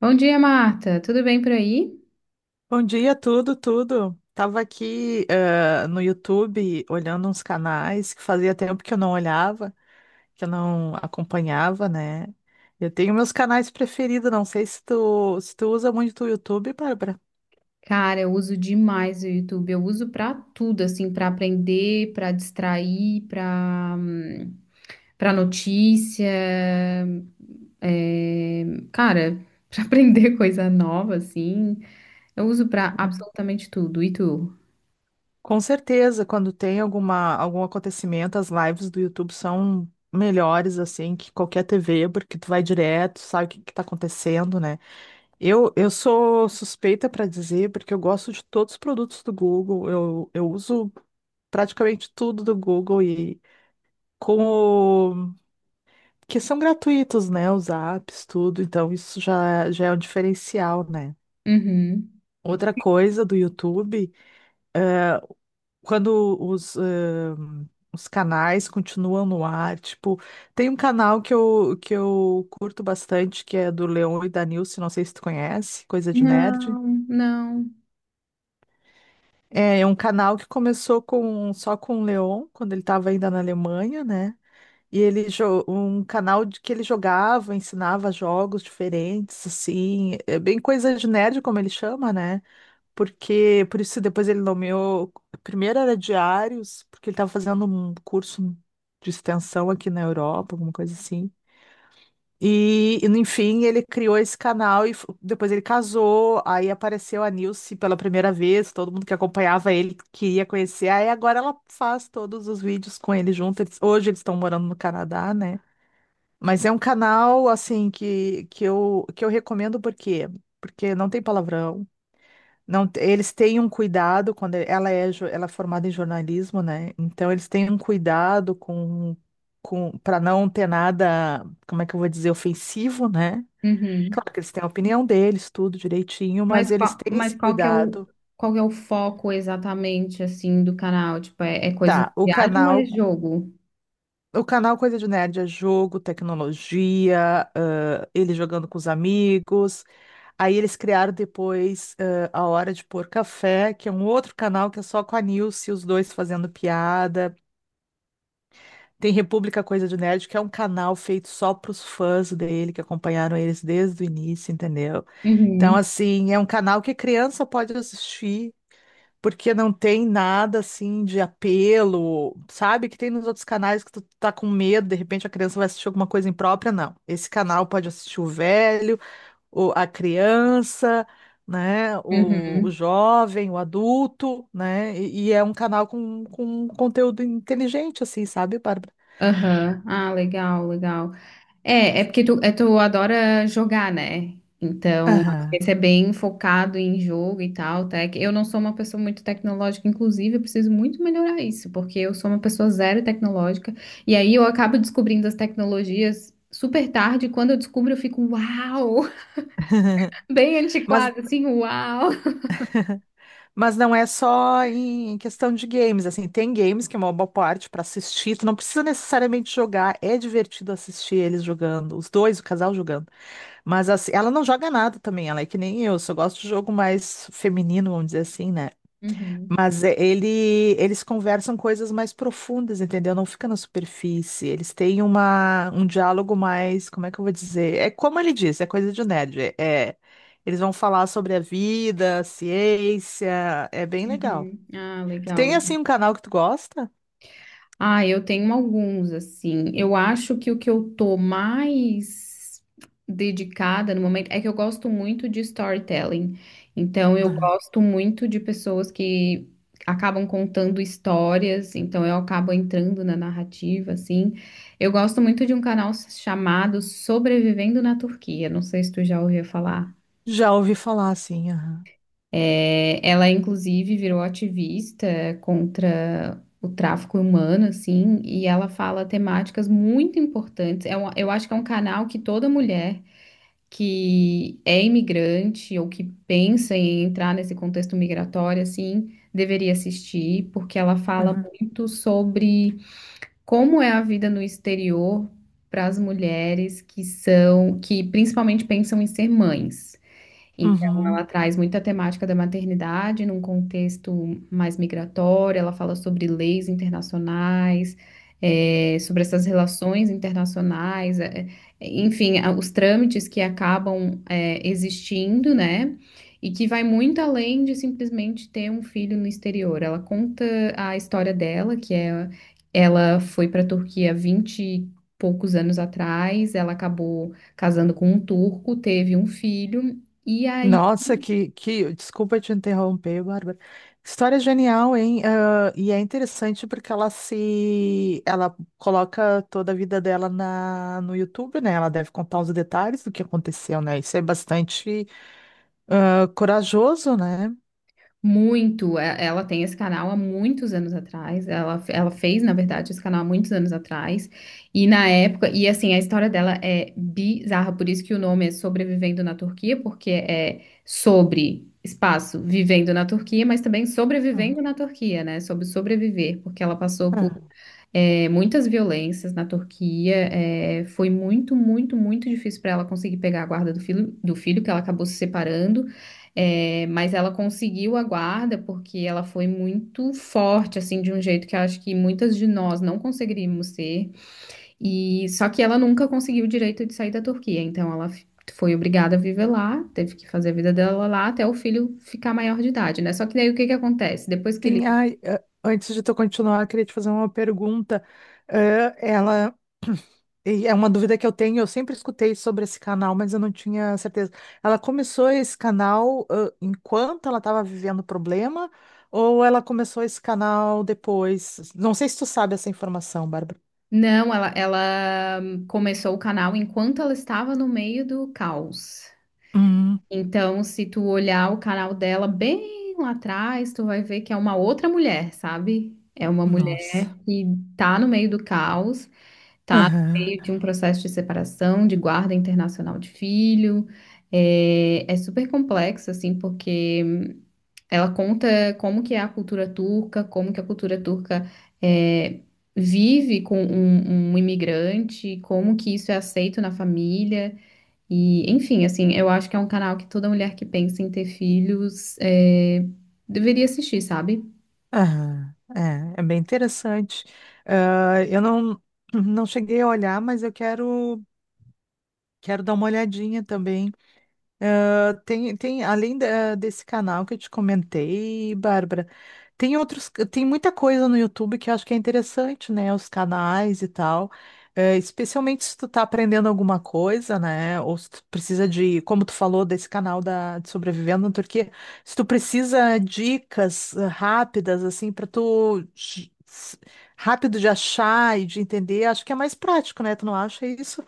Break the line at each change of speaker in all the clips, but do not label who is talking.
Bom dia, Marta. Tudo bem por aí?
Bom dia, tudo, tudo. Tava aqui, no YouTube olhando uns canais que fazia tempo que eu não olhava, que eu não acompanhava, né? Eu tenho meus canais preferidos, não sei se tu usa muito o YouTube, Bárbara.
Cara, eu uso demais o YouTube. Eu uso pra tudo, assim, pra aprender, pra distrair, pra para notícia, é, cara, pra aprender coisa nova, assim. Eu uso pra
É.
absolutamente tudo. E tu?
Com certeza, quando tem algum acontecimento, as lives do YouTube são melhores, assim, que qualquer TV, porque tu vai direto, sabe o que que tá acontecendo, né? Eu sou suspeita para dizer, porque eu gosto de todos os produtos do Google. Eu uso praticamente tudo do Google e como que são gratuitos, né? Os apps, tudo. Então isso já é um diferencial, né?
Uhum.
Outra coisa do YouTube, eh, quando os canais continuam no ar, tipo, tem um canal que eu curto bastante, que é do Leon e da Nilce, não sei se tu conhece, Coisa de Nerd.
Não, não.
É um canal que começou com só com o Leon, quando ele estava ainda na Alemanha, né? E um canal de que ele jogava, ensinava jogos diferentes, assim, é bem coisa de nerd, como ele chama, né? Porque por isso depois ele nomeou, primeiro era Diários, porque ele estava fazendo um curso de extensão aqui na Europa, alguma coisa assim. Enfim, ele criou esse canal e depois ele casou, aí apareceu a Nilce pela primeira vez, todo mundo que acompanhava ele queria conhecer, aí agora ela faz todos os vídeos com ele junto. Hoje eles estão morando no Canadá, né? Mas é um canal, assim, que eu recomendo por quê? Porque não tem palavrão, não, eles têm um cuidado, quando ela é formada em jornalismo, né? Então eles têm um cuidado com para não ter nada, como é que eu vou dizer, ofensivo, né?
Uhum.
Claro que eles têm a opinião deles, tudo direitinho, mas
Mas
eles
qual,
têm
mas
esse
qual que é o
cuidado.
qual que é o foco exatamente assim do canal? Tipo, é coisa de
Tá,
viagem ou é jogo?
o canal Coisa de Nerd é jogo, tecnologia, ele jogando com os amigos. Aí eles criaram depois A Hora de Pôr Café, que é um outro canal que é só com a Nilce e os dois fazendo piada. Tem República Coisa de Nerd, que é um canal feito só para os fãs dele, que acompanharam eles desde o início, entendeu? Então,
Uhum,
assim, é um canal que criança pode assistir porque não tem nada assim de apelo, sabe? Que tem nos outros canais que tu tá com medo, de repente a criança vai assistir alguma coisa imprópria, não. Esse canal pode assistir o velho, a criança, né? O
uhum,
jovem, o adulto, né? E é um canal com, conteúdo inteligente, assim, sabe, Bárbara?
aham. Ah, legal, legal. É, é porque tu, tu adora jogar, né? Então, acho que
Aham.
esse é bem focado em jogo e tal, tec. Eu não sou uma pessoa muito tecnológica, inclusive, eu preciso muito melhorar isso, porque eu sou uma pessoa zero tecnológica, e aí eu acabo descobrindo as tecnologias super tarde, e quando eu descubro, eu fico, uau! Bem
Mas
antiquado, assim, uau!
Mas não é só em questão de games, assim, tem games que é uma boa parte para assistir, tu não precisa necessariamente jogar, é divertido assistir eles jogando, os dois, o casal jogando. Mas assim, ela não joga nada também, ela é que nem eu, só gosto de jogo mais feminino, vamos dizer assim, né?
Uhum,
Mas eles conversam coisas mais profundas, entendeu? Não fica na superfície. Eles têm um diálogo mais, como é que eu vou dizer? É como ele disse, é coisa de nerd. É- eles vão falar sobre a vida, a ciência, é bem legal.
uhum. Ah,
Tu
legal,
tem assim
legal.
um canal que tu gosta?
Ah, eu tenho alguns, assim. Eu acho que o que eu tô mais dedicada no momento é que eu gosto muito de storytelling. Então, eu
Aham.
gosto muito de pessoas que acabam contando histórias, então eu acabo entrando na narrativa, assim. Eu gosto muito de um canal chamado Sobrevivendo na Turquia. Não sei se tu já ouviu falar.
Já ouvi falar assim, aham.
É, ela, inclusive, virou ativista contra o tráfico humano, assim, e ela fala temáticas muito importantes. Eu acho que é um canal que toda mulher que é imigrante ou que pensa em entrar nesse contexto migratório, assim, deveria assistir, porque ela fala
Aham.
muito sobre como é a vida no exterior para as mulheres que são, que principalmente pensam em ser mães. Então,
Uhum.
ela traz muita temática da maternidade num contexto mais migratório, ela fala sobre leis internacionais, sobre essas relações internacionais, enfim, os trâmites que acabam, existindo, né? E que vai muito além de simplesmente ter um filho no exterior. Ela conta a história dela, que é ela foi para a Turquia há 20 e poucos anos atrás, ela acabou casando com um turco, teve um filho. E aí,
Nossa, que, que. Desculpa te interromper, Bárbara. História genial, hein? Ah, e é interessante porque ela se. Ela coloca toda a vida dela no YouTube, né? Ela deve contar os detalhes do que aconteceu, né? Isso é bastante corajoso, né?
muito, ela tem esse canal há muitos anos atrás, ela fez, na verdade, esse canal há muitos anos atrás, e na época, e assim, a história dela é bizarra, por isso que o nome é Sobrevivendo na Turquia, porque é sobre, espaço, vivendo na Turquia, mas também
Uhum.
sobrevivendo na Turquia, né, sobre sobreviver, porque ela passou por
Ah.
muitas violências na Turquia, é, foi muito, muito, muito difícil para ela conseguir pegar a guarda do filho, que ela acabou se separando. É, mas ela conseguiu a guarda porque ela foi muito forte, assim, de um jeito que eu acho que muitas de nós não conseguiríamos ser. E só que ela nunca conseguiu o direito de sair da Turquia, então foi obrigada a viver lá, teve que fazer a vida dela lá até o filho ficar maior de idade, né? Só que daí o que que acontece? Depois que ele
Sim, ai, antes de tu continuar, eu queria te fazer uma pergunta. Ah, ela. E é uma dúvida que eu tenho, eu sempre escutei sobre esse canal, mas eu não tinha certeza. Ela começou esse canal, enquanto ela estava vivendo o problema, ou ela começou esse canal depois? Não sei se tu sabe essa informação, Bárbara.
não, ela começou o canal enquanto ela estava no meio do caos.
Hum,
Então, se tu olhar o canal dela bem lá atrás, tu vai ver que é uma outra mulher, sabe? É uma
nossa.
mulher que tá no meio do caos, tá no
Aham,
meio de um processo de separação, de guarda internacional de filho. É, é super complexo, assim, porque ela conta como que é a cultura turca, como que a cultura turca é, vive com um imigrante, como que isso é aceito na família. E, enfim, assim, eu acho que é um canal que toda mulher que pensa em ter filhos é, deveria assistir, sabe?
aham. É, é bem interessante. Ah, eu não cheguei a olhar, mas eu quero dar uma olhadinha também. Além desse canal que eu te comentei, Bárbara, tem outros, tem muita coisa no YouTube que eu acho que é interessante, né? Os canais e tal. É, especialmente se tu tá aprendendo alguma coisa, né? Ou se tu precisa de, como tu falou desse canal de Sobrevivendo na Turquia, se tu precisa dicas rápidas, assim, pra tu rápido de achar e de entender, acho que é mais prático, né? Tu não acha isso?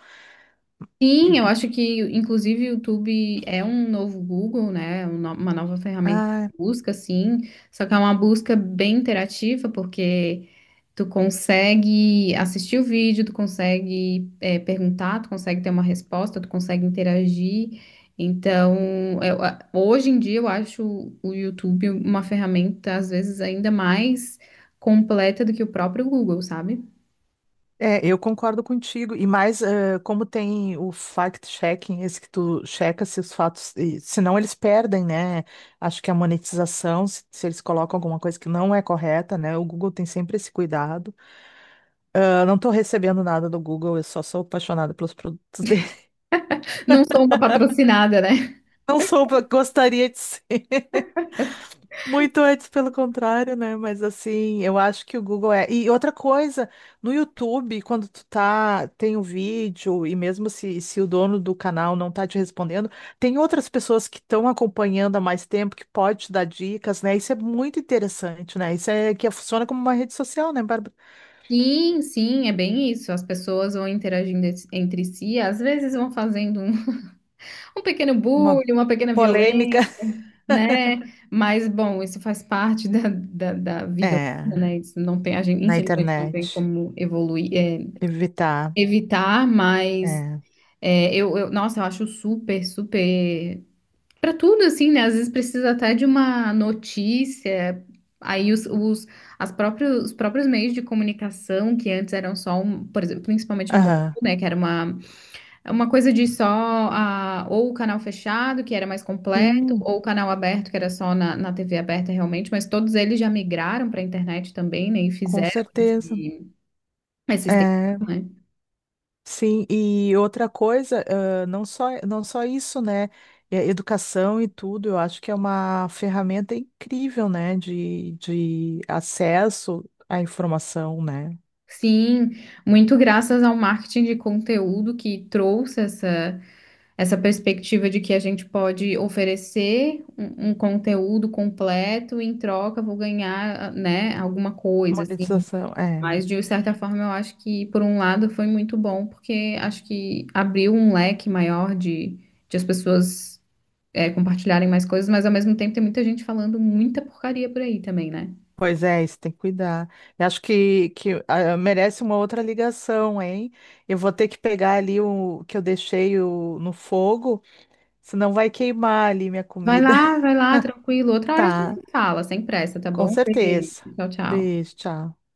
Sim, eu acho que, inclusive, o YouTube é um novo Google, né? É uma nova ferramenta
Ah,
de busca, sim. Só que é uma busca bem interativa, porque tu consegue assistir o vídeo, tu consegue é, perguntar, tu consegue ter uma resposta, tu consegue interagir. Então, hoje em dia eu acho o YouTube uma ferramenta, às vezes, ainda mais completa do que o próprio Google, sabe?
é, eu concordo contigo. E mais, como tem o fact-checking, esse que tu checa se os fatos, e senão eles perdem, né? Acho que a monetização, se eles colocam alguma coisa que não é correta, né? O Google tem sempre esse cuidado. Ah, não estou recebendo nada do Google, eu só sou apaixonada pelos produtos dele.
Não sou uma patrocinada, né?
Não sou, gostaria de ser. Muito antes, pelo contrário, né? Mas assim, eu acho que o Google é. E outra coisa, no YouTube, quando tu tá, tem um vídeo, e mesmo se o dono do canal não tá te respondendo, tem outras pessoas que estão acompanhando há mais tempo que pode te dar dicas, né? Isso é muito interessante, né? Isso é que funciona como uma rede social, né, Bárbara?
Sim, sim, é bem isso. As pessoas vão interagindo entre si, às vezes vão fazendo um, um pequeno
Uma
bullying, uma pequena
polêmica.
violência, né? Mas, bom, isso faz parte da, da, da vida
É,
humana, né? Isso não tem, a gente,
na
infelizmente, não
internet.
tem como evoluir, é,
Evitar.
evitar, mas
É.
é, nossa, eu acho super, super. Para tudo, assim, né? Às vezes precisa até de uma notícia. Aí os, os, as próprios, os próprios meios de comunicação, que antes eram só um, por exemplo, principalmente no Brasil,
Aham.
né? Que era uma é uma coisa de só a, ou o canal fechado, que era mais completo,
Sim,
ou o canal aberto, que era só na, na TV aberta realmente, mas todos eles já migraram para a internet também, né? E
com
fizeram
certeza.
essa extensão,
É.
né?
Sim, e outra coisa, não só, não só isso, né? É, educação e tudo, eu acho que é uma ferramenta incrível, né? De acesso à informação, né?
Sim, muito graças ao marketing de conteúdo que trouxe essa perspectiva de que a gente pode oferecer um conteúdo completo, e em troca vou ganhar, né, alguma coisa, assim.
Monetização, é.
Mas, de certa forma, eu acho que, por um lado, foi muito bom, porque acho que abriu um leque maior de as pessoas é, compartilharem mais coisas, mas, ao mesmo tempo, tem muita gente falando muita porcaria por aí também, né?
Pois é, isso tem que cuidar. Eu acho que merece uma outra ligação, hein? Eu vou ter que pegar ali o que eu deixei no fogo, senão vai queimar ali minha comida.
Vai lá, tranquilo. Outra hora a gente
Tá,
se fala, sem pressa, tá
com
bom? Beijo.
certeza.
Tchau, tchau.
Beijo, tchau.